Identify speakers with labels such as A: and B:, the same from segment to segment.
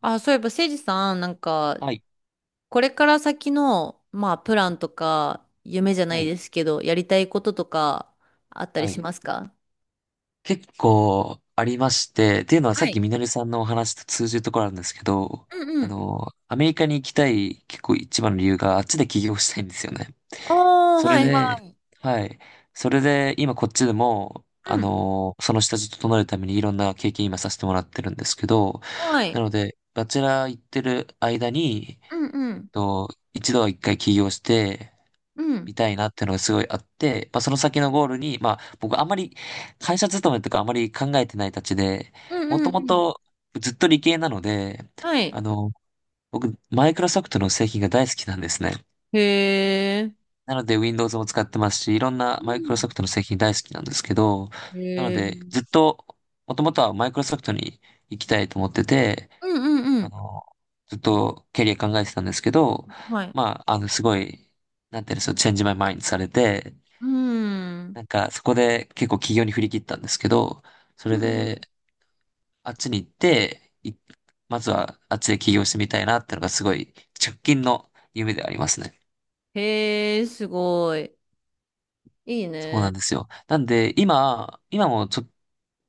A: あ、そういえば、誠司さん、なんか、
B: はい、
A: これから先の、まあ、プランとか、夢じゃな
B: は
A: い
B: い、
A: ですけど、やりたいこととか、あったり
B: は
A: し
B: い。
A: ますか？
B: 結構ありまして、っていうのはさ
A: は
B: っき
A: い。
B: みのりさんのお話と通じるところあるんですけど、
A: うんうん。
B: アメリカに行きたい結構一番の理由があっちで起業したいんですよね。
A: ああー、
B: そ
A: は
B: れ
A: い。
B: で、
A: はい。
B: はい。それで今こっちでも、
A: うん。
B: その下地整えるためにいろんな経験今させてもらってるんですけど、
A: はい。
B: なので、バチェラー行ってる間に、
A: うんう
B: えっ
A: ん。
B: と、一度は一回起業して、
A: うん。
B: みたいなっていうのがすごいあって、まあ、その先のゴールに、まあ、僕あんまり会社勤めとかあんまり考えてないたちで、
A: うん
B: もと
A: うん
B: も
A: うん。
B: とずっと理系なので、
A: は
B: あ
A: い。
B: の、僕、マイクロソフトの製品が大好きなんですね。
A: へえ。
B: なので、Windows も使ってますし、いろんな
A: う
B: マイクロソ
A: ん。
B: フトの製品大好きなんですけど、なの
A: へえ。う
B: で、
A: ん
B: ずっと、もともとはマイクロソフトに行きたいと思ってて、
A: うんう
B: あ
A: ん。
B: の、ずっとキャリア考えてたんですけど、
A: はい。
B: まあ、すごい、なんていうんですか、チェンジマイマインドされて、
A: うん。うん
B: なんか、そこで結構起業に振り切ったんですけど、そ
A: う
B: れで、
A: ん。
B: あっちに行って、まずはあっちで起業してみたいなってのがすごい直近の夢ではありますね。
A: へえ、すごい。いい
B: そうな
A: ね。
B: んですよ。なんで、今もちょ、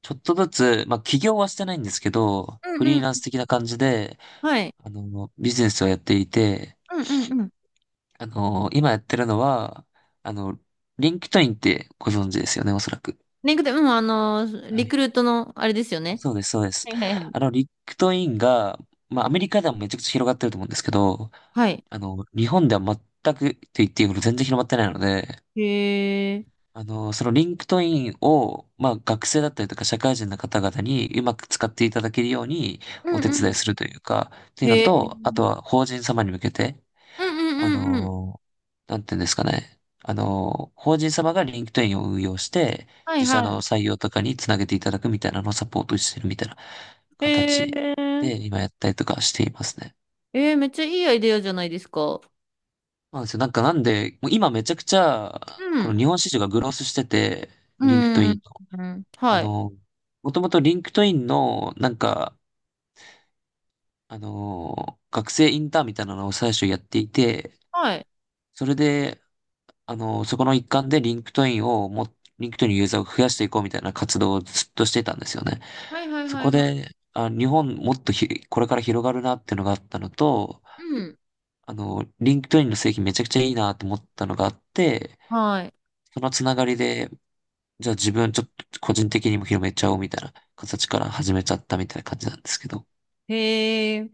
B: ちょっとずつ、まあ、起業はしてないんですけど、
A: う
B: フ
A: んう
B: リー
A: ん。
B: ランス的な感じで、
A: はい。
B: ビジネスをやっていて、
A: うんうんうん。
B: 今やってるのは、あの、リンクトインってご存知ですよね、おそらく。
A: リンクで、うん、あの、
B: は
A: リク
B: い、
A: ルートの、あれですよね。
B: そうです、そうです。
A: はいはいはい。
B: リクトインが、まあ、アメリカではめちゃくちゃ広がってると思うんですけど、
A: はい。
B: 日本では全くと言っていいほど全然広まってないので、
A: へえ。
B: そのリンクトインを、まあ、学生だったりとか社会人の方々にうまく使っていただけるように
A: うん
B: お手
A: う
B: 伝い
A: ん。
B: するというか、というの
A: へえ。
B: と、あとは法人様に向けて、
A: うんう
B: あ
A: んうんうん。
B: のなんていうんですかね。法人様がリンクトインを運用して、
A: はい
B: 自社
A: はい。
B: の採用とかにつなげていただくみたいなのをサポートしてるみたいな
A: へ
B: 形で
A: え。
B: 今やったりとかしていますね。
A: えー、めっちゃいいアイデアじゃないですか。
B: そうなんですよ。なんで、もう今めちゃくちゃ、
A: う
B: こ
A: ん。
B: の日本市場がグロースしてて、
A: う
B: リンクトイン
A: ん。
B: の。
A: うん。
B: あ
A: はい。
B: のもともとリンクトインの、なんか、あの学生インターンみたいなのを最初やっていて、
A: はい。
B: それで、そこの一環でリンクトインのユーザーを増やしていこうみたいな活動をずっとしてたんですよね。
A: はいはい
B: そ
A: は
B: こ
A: いはい。
B: で、あ、日本もっとひ、これから広がるなっていうのがあったのと、
A: うん。
B: リンクトインの製品めちゃくちゃいいなと思ったのがあって、
A: はい。
B: そのつながりで、じゃあ自分ちょっと個人的にも広めちゃおうみたいな形から始めちゃったみたいな感じなんですけど。
A: へえ。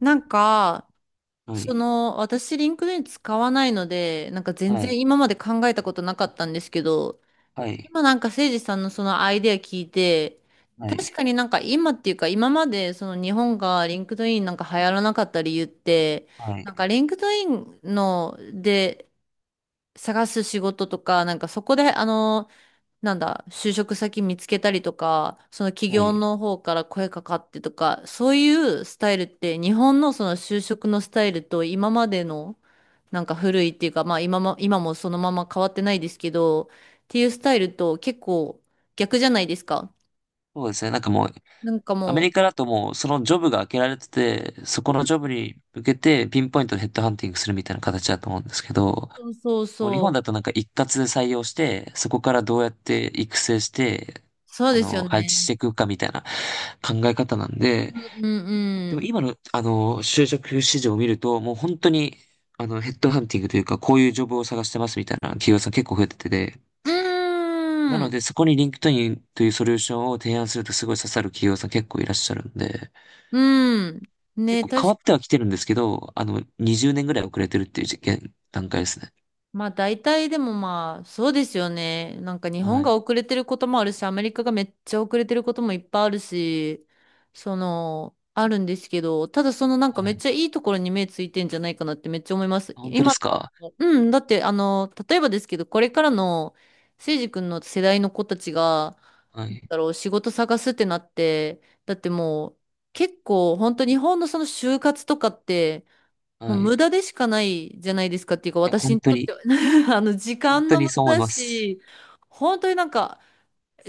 A: なんか、
B: は
A: そ
B: い。
A: の、私、リンクドイン使わないので、なんか全
B: は
A: 然
B: い。
A: 今まで考えたことなかったんですけど、
B: はい。
A: 今なんか誠司さんのそのアイデア聞いて、
B: はい。
A: 確かになんか今っていうか今までその日本がリンクドインなんか流行らなかった理由って、
B: はい。
A: なんかリンクドインので探す仕事とか、なんかそこであのなんだ、就職先見つけたりとか、その企
B: は
A: 業
B: い。
A: の方から声かかってとか、そういうスタイルって、日本のその就職のスタイルと今までの、なんか古いっていうか、まあ今も、今もそのまま変わってないですけど、っていうスタイルと結構逆じゃないですか。
B: そうですね。なんかもう
A: なんか
B: アメ
A: も
B: リカだともうそのジョブが開けられてて、そこのジ
A: う、
B: ョブに向けてピンポイントでヘッドハンティングするみたいな形だと思うんですけど、
A: うんそう
B: もう日本
A: そうそ
B: だ
A: う。
B: となんか一括で採用して、そこからどうやって育成して、
A: そうですよ
B: 配置して
A: ね。
B: いくかみたいな考え方なんで、
A: うんうん
B: で
A: う
B: も
A: ん。
B: 今の就職市場を見ると、もう本当にヘッドハンティングというか、こういうジョブを探してますみたいな企業さん結構増えててで、
A: う
B: な
A: ー
B: の
A: ん。
B: でそこに LinkedIn というソリューションを提案するとすごい刺さる企業さん結構いらっしゃるんで、
A: うん。ね、
B: 結構変
A: 確
B: わっては来てるんですけど、あの、20年ぐらい遅れてるっていう現段階ですね。
A: まあ大体でもまあそうですよね。なんか日本
B: は
A: が
B: い。
A: 遅れてることもあるし、アメリカがめっちゃ遅れてることもいっぱいあるし、その、あるんですけど、ただそのなんか
B: は
A: めっ
B: い。
A: ちゃいいところに目ついてんじゃないかなってめっちゃ思います。
B: あ、本当で
A: 今、
B: すか。
A: うん、だってあの、例えばですけど、これからのせいじ君の世代の子たちが、
B: はい。
A: だろう、仕事探すってなって、だってもう結構本当日本のその就活とかって、もう
B: はい。
A: 無
B: い
A: 駄でしかないじゃないですかっていうか、
B: や、
A: 私
B: 本
A: に
B: 当
A: とっ
B: に、
A: ては あの、時
B: 本
A: 間
B: 当
A: の無
B: にそう思い
A: 駄だ
B: ます。
A: し、本当になんか、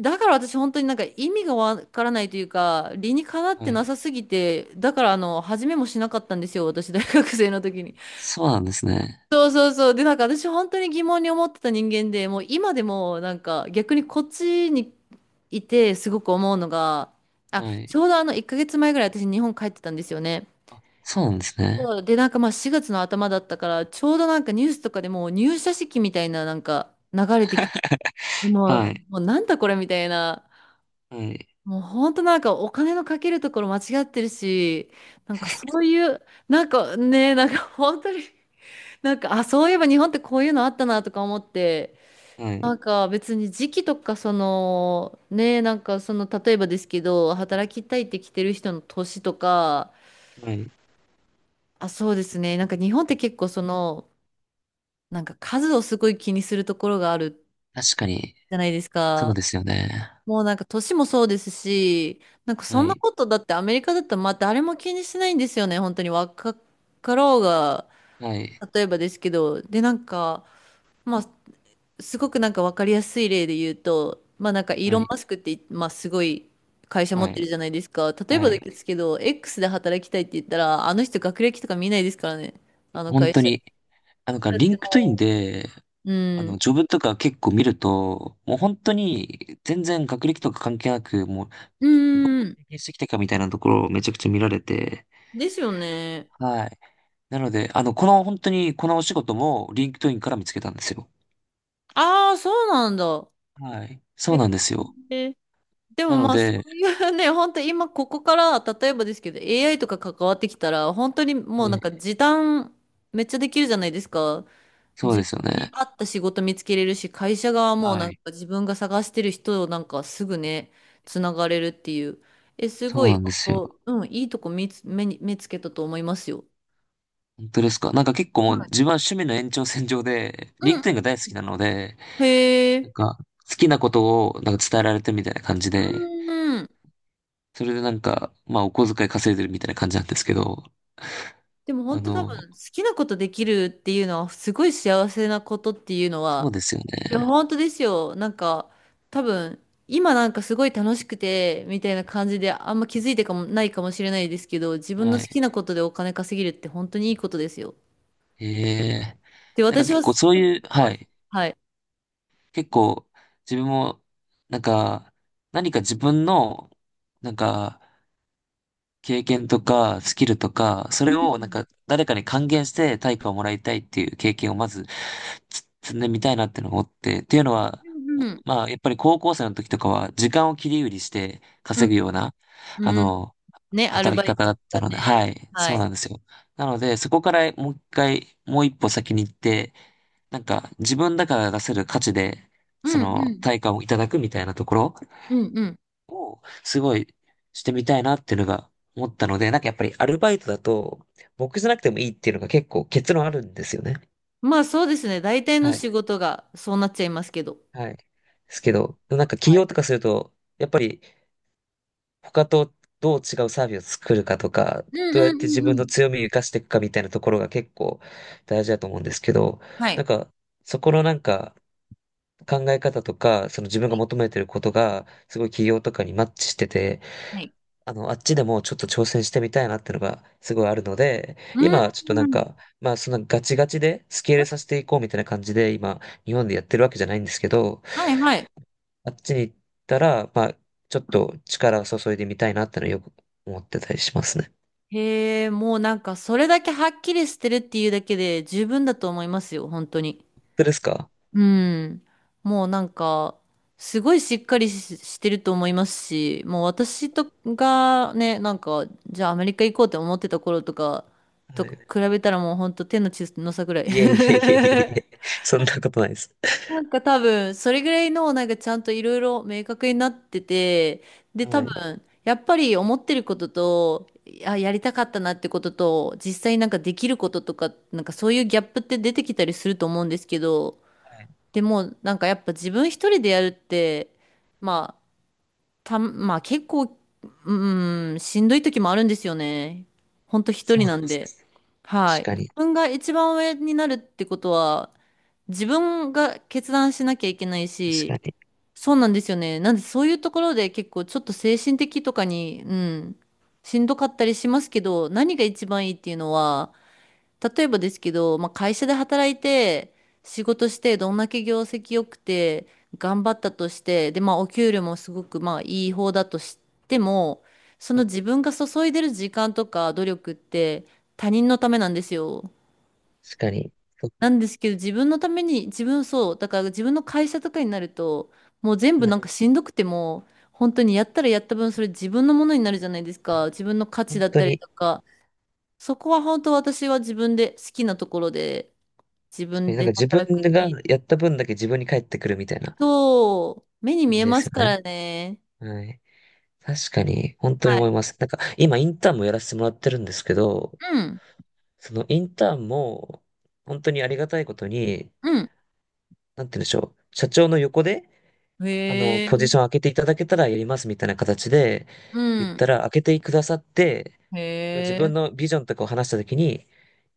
A: だから私本当になんか意味がわからないというか、理にかなっ
B: は
A: て
B: い。
A: なさすぎて、だからあの、始めもしなかったんですよ、私大学生の時に。
B: そうなんですね。
A: そうそうそう。で、なんか私本当に疑問に思ってた人間で、もう今でもなんか逆にこっちにいてすごく思うのが、あ、
B: は
A: ち
B: い。
A: ょうどあの1ヶ月前ぐらい私日本帰ってたんですよね。
B: そうなんですね。
A: そうで、なんかまあ4月の頭だったから、ちょうどなんかニュースとかでもう入社式みたいななんか流れてきて、もう、
B: はい。
A: もうなんだこれみたいな、
B: はい。
A: もう本当なんかお金のかけるところ間違ってるし、なんかそういう、なんかね、なんか本当に、なんか、あ、そういえば日本ってこういうのあったなとか思って、
B: は
A: な
B: い。
A: んか別に時期とかその、ね、なんかその例えばですけど、働きたいって来てる人の年とか、
B: はい。
A: あ、そうですね。なんか日本って結構その、なんか数をすごい気にするところがある
B: 確かに、
A: じゃないです
B: そう
A: か。
B: ですよね。
A: もうなんか年もそうですし、なんかそ
B: は
A: んな
B: い。
A: ことだってアメリカだったらまあ誰も気にしないんですよね。本当に若かろうが、
B: はい。
A: 例えばですけど。で、なんか、まあすごくなんかわかりやすい例で言うと、まあなんかイー
B: は
A: ロン・
B: い。
A: マスクって、まあすごい会社持
B: は
A: って
B: い。
A: るじゃないですか。例え
B: は
A: ばで
B: い。
A: すけど、X で働きたいって言ったら、あの人学歴とか見ないですからね。あの
B: 本
A: 会
B: 当
A: 社。
B: に、あ、なんか、
A: だっ
B: リ
A: て
B: ンクトイン
A: も
B: で、
A: う、うん。
B: ジョブとか結構見ると、もう本当に、全然学歴とか関係なく、もう
A: うーん。
B: 経験してきたかみたいなところをめちゃくちゃ見られて、
A: ですよね。
B: はい。なので、この本当にこのお仕事もリンクトインから見つけたんですよ。
A: ああ、そうなんだ。
B: はい。そ
A: え
B: うなんですよ。
A: えで
B: な
A: も
B: の
A: まあ、そ
B: で、
A: ういうね、本当今ここから、例えばですけど、AI とか関わってきたら、本当にも
B: は
A: うなん
B: い。
A: か時短めっちゃできるじゃないですか。
B: そう
A: 自
B: で
A: 分
B: すよ
A: に
B: ね。
A: 合った仕事見つけれるし、会社側も
B: は
A: なんか
B: い。
A: 自分が探してる人をなんかすぐね、つながれるっていう。え、す
B: そ
A: ご
B: うな
A: い、
B: んで
A: 本
B: すよ。
A: 当、うん、いいとこ見つ、目に、目つけたと思いますよ。
B: 本当ですか。なんか結構も
A: は
B: う
A: い。
B: 自分は趣味の延長線上で、リ
A: う
B: ン
A: ん。
B: クトインが大好きなので、
A: へ
B: なん
A: え。
B: か好きなことをなんか伝えられてるみたいな感じで、
A: うん。
B: それでなんか、まあお小遣い稼いでるみたいな感じなんですけど、
A: でも
B: あ
A: 本当多
B: の、
A: 分好きなことできるっていうのはすごい幸せなことっていうの
B: そう
A: は
B: ですよ
A: いや
B: ね。
A: 本当ですよなんか多分今なんかすごい楽しくてみたいな感じであんま気づいてかもないかもしれないですけど自分の
B: は
A: 好
B: い。
A: きなことでお金稼げるって本当にいいことですよ
B: へえ。
A: で
B: なんか
A: 私
B: 結
A: はそ
B: 構そう
A: う思って
B: いう、は
A: ます
B: い。
A: はい
B: 結構自分も、なんか、何か自分の、なんか、経験とか、スキルとか、そ
A: う
B: れをなん
A: ん
B: か、誰かに還元して対価をもらいたいっていう経験をまず、つ積んでみたいなってのを思って、っていうのは、
A: うん
B: まあ、やっぱり高校生の時とかは、時間を切り売りして
A: うんう
B: 稼ぐ
A: ん
B: ような、あの、
A: ねアル
B: 働き
A: バイ
B: 方
A: ト
B: だ
A: と
B: った
A: か
B: ので、
A: ね
B: はい、
A: は
B: そう
A: い
B: なんですよ。なので、そこからもう一回、もう一歩先に行って、なんか自分だから出せる価値で、
A: う
B: そ
A: んう
B: の
A: ん
B: 対価をいただくみたいなところ、
A: うんうん
B: すごいしてみたいなっていうのが思ったので、なんかやっぱりアルバイトだと、僕じゃなくてもいいっていうのが結構結論あるんですよね。
A: まあそうですね大体の
B: はい。
A: 仕事がそうなっちゃいますけど
B: はい。ですけ
A: 今は
B: ど、なんか起
A: い
B: 業とかすると、やっぱり他とどう違うサービスを作るかとか、
A: うん
B: ど
A: う
B: うやっ
A: ん
B: て自
A: う
B: 分
A: んう
B: の
A: ん。
B: 強みを生かしていくかみたいなところが結構大事だと思うんですけど、
A: はい。
B: なんかそこのなんか、考え方とか、その自分
A: は
B: が
A: い。
B: 求めてることが、すごい企業とかにマッチしてて、
A: はい。
B: あっちでもちょっと挑戦してみたいなってのがすごいあるので、
A: うん。
B: 今ちょっとな
A: う
B: ん
A: ん
B: か、まあそんなガチガチでスケールさせていこうみたいな感じで、今、日本でやってるわけじゃないんですけど、
A: はいはい。
B: あっちに行ったら、まあ、ちょっと力を注いでみたいなってのはよく思ってたりしますね。
A: へえ、もうなんかそれだけはっきりしてるっていうだけで十分だと思いますよ、本当に。
B: 本当ですか。
A: うん。もうなんか、すごいしっかりし、してると思いますし、もう私とがね、なんか、じゃあアメリカ行こうって思ってた頃とか、と
B: はい。
A: 比べたらもう本当手の血の差ぐらい。
B: いえいえいえいえいえ。そんなことないです。
A: なんか多分、それぐらいの、なんかちゃんといろいろ明確になってて、で、
B: は
A: 多
B: い。
A: 分、やっぱり思ってることと、あ、やりたかったなってことと、実際なんかできることとか、なんかそういうギャップって出てきたりすると思うんですけど、
B: はい。
A: でも、なんかやっぱ自分一人でやるって、まあ、まあ結構、うん、しんどい時もあるんですよね。ほんと一
B: そう
A: 人
B: なん
A: な
B: で
A: ん
B: す
A: で。
B: ね。
A: は
B: 確
A: い。
B: か
A: 自
B: に。
A: 分が一番上になるってことは、自分が決断しなきゃいけない
B: 確
A: し、
B: かに。
A: そうなんですよね。なんでそういうところで結構ちょっと精神的とかに、うん、しんどかったりしますけど、何が一番いいっていうのは、例えばですけど、まあ、会社で働いて、仕事して、どんだけ業績良くて、頑張ったとして、で、まあ、お給料もすごく、まあ、いい方だとしても、その自分が注いでる時間とか努力って、他人のためなんですよ。
B: 確かに。そ
A: なんですけど、自分のために、自分そう、だから自分の会社とかになると、もう全部なんかしんどくても、本当にやったらやった分、それ自分のものになるじゃないですか。自分の価値
B: 本
A: だっ
B: 当
A: たり
B: に、
A: とか、そこは本当私は自分で好きなところで、自
B: 確か
A: 分
B: になん
A: で
B: か自分
A: 働くってい
B: が
A: う
B: やった分だけ自分に返ってくるみたいな
A: と、目に見
B: 感
A: え
B: じで
A: ま
B: す
A: す
B: よ
A: か
B: ね。
A: らね。
B: はい。確かに、本当に
A: は
B: 思い
A: い。
B: ます。なんか、今インターンもやらせてもらってるんですけど、
A: うん、
B: そのインターンも、本当にありがたいことに、
A: うん。
B: なんて言うんでしょう。社長の横で、
A: へえ、
B: ポジション開けていただけたらやりますみたいな形で、
A: う
B: 言っ
A: ん。
B: たら開けてくださって、
A: へ
B: 自分
A: え、
B: のビジョンとかを話したときに、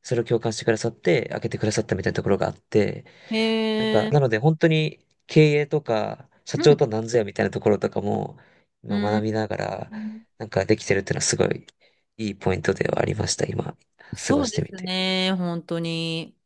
B: それを共感してくださって、開けてくださったみたいなところがあって、なんか、
A: へえ、
B: なので本当に経営とか、社
A: う
B: 長と
A: ん。
B: は何ぞやみたいなところとかも、
A: う
B: 今学
A: ん。
B: びながら、なんかできてるっていうのはすごいいいポイントではありました、今、過
A: そ
B: ご
A: う
B: して
A: で
B: み
A: す
B: て。
A: ね、本当に。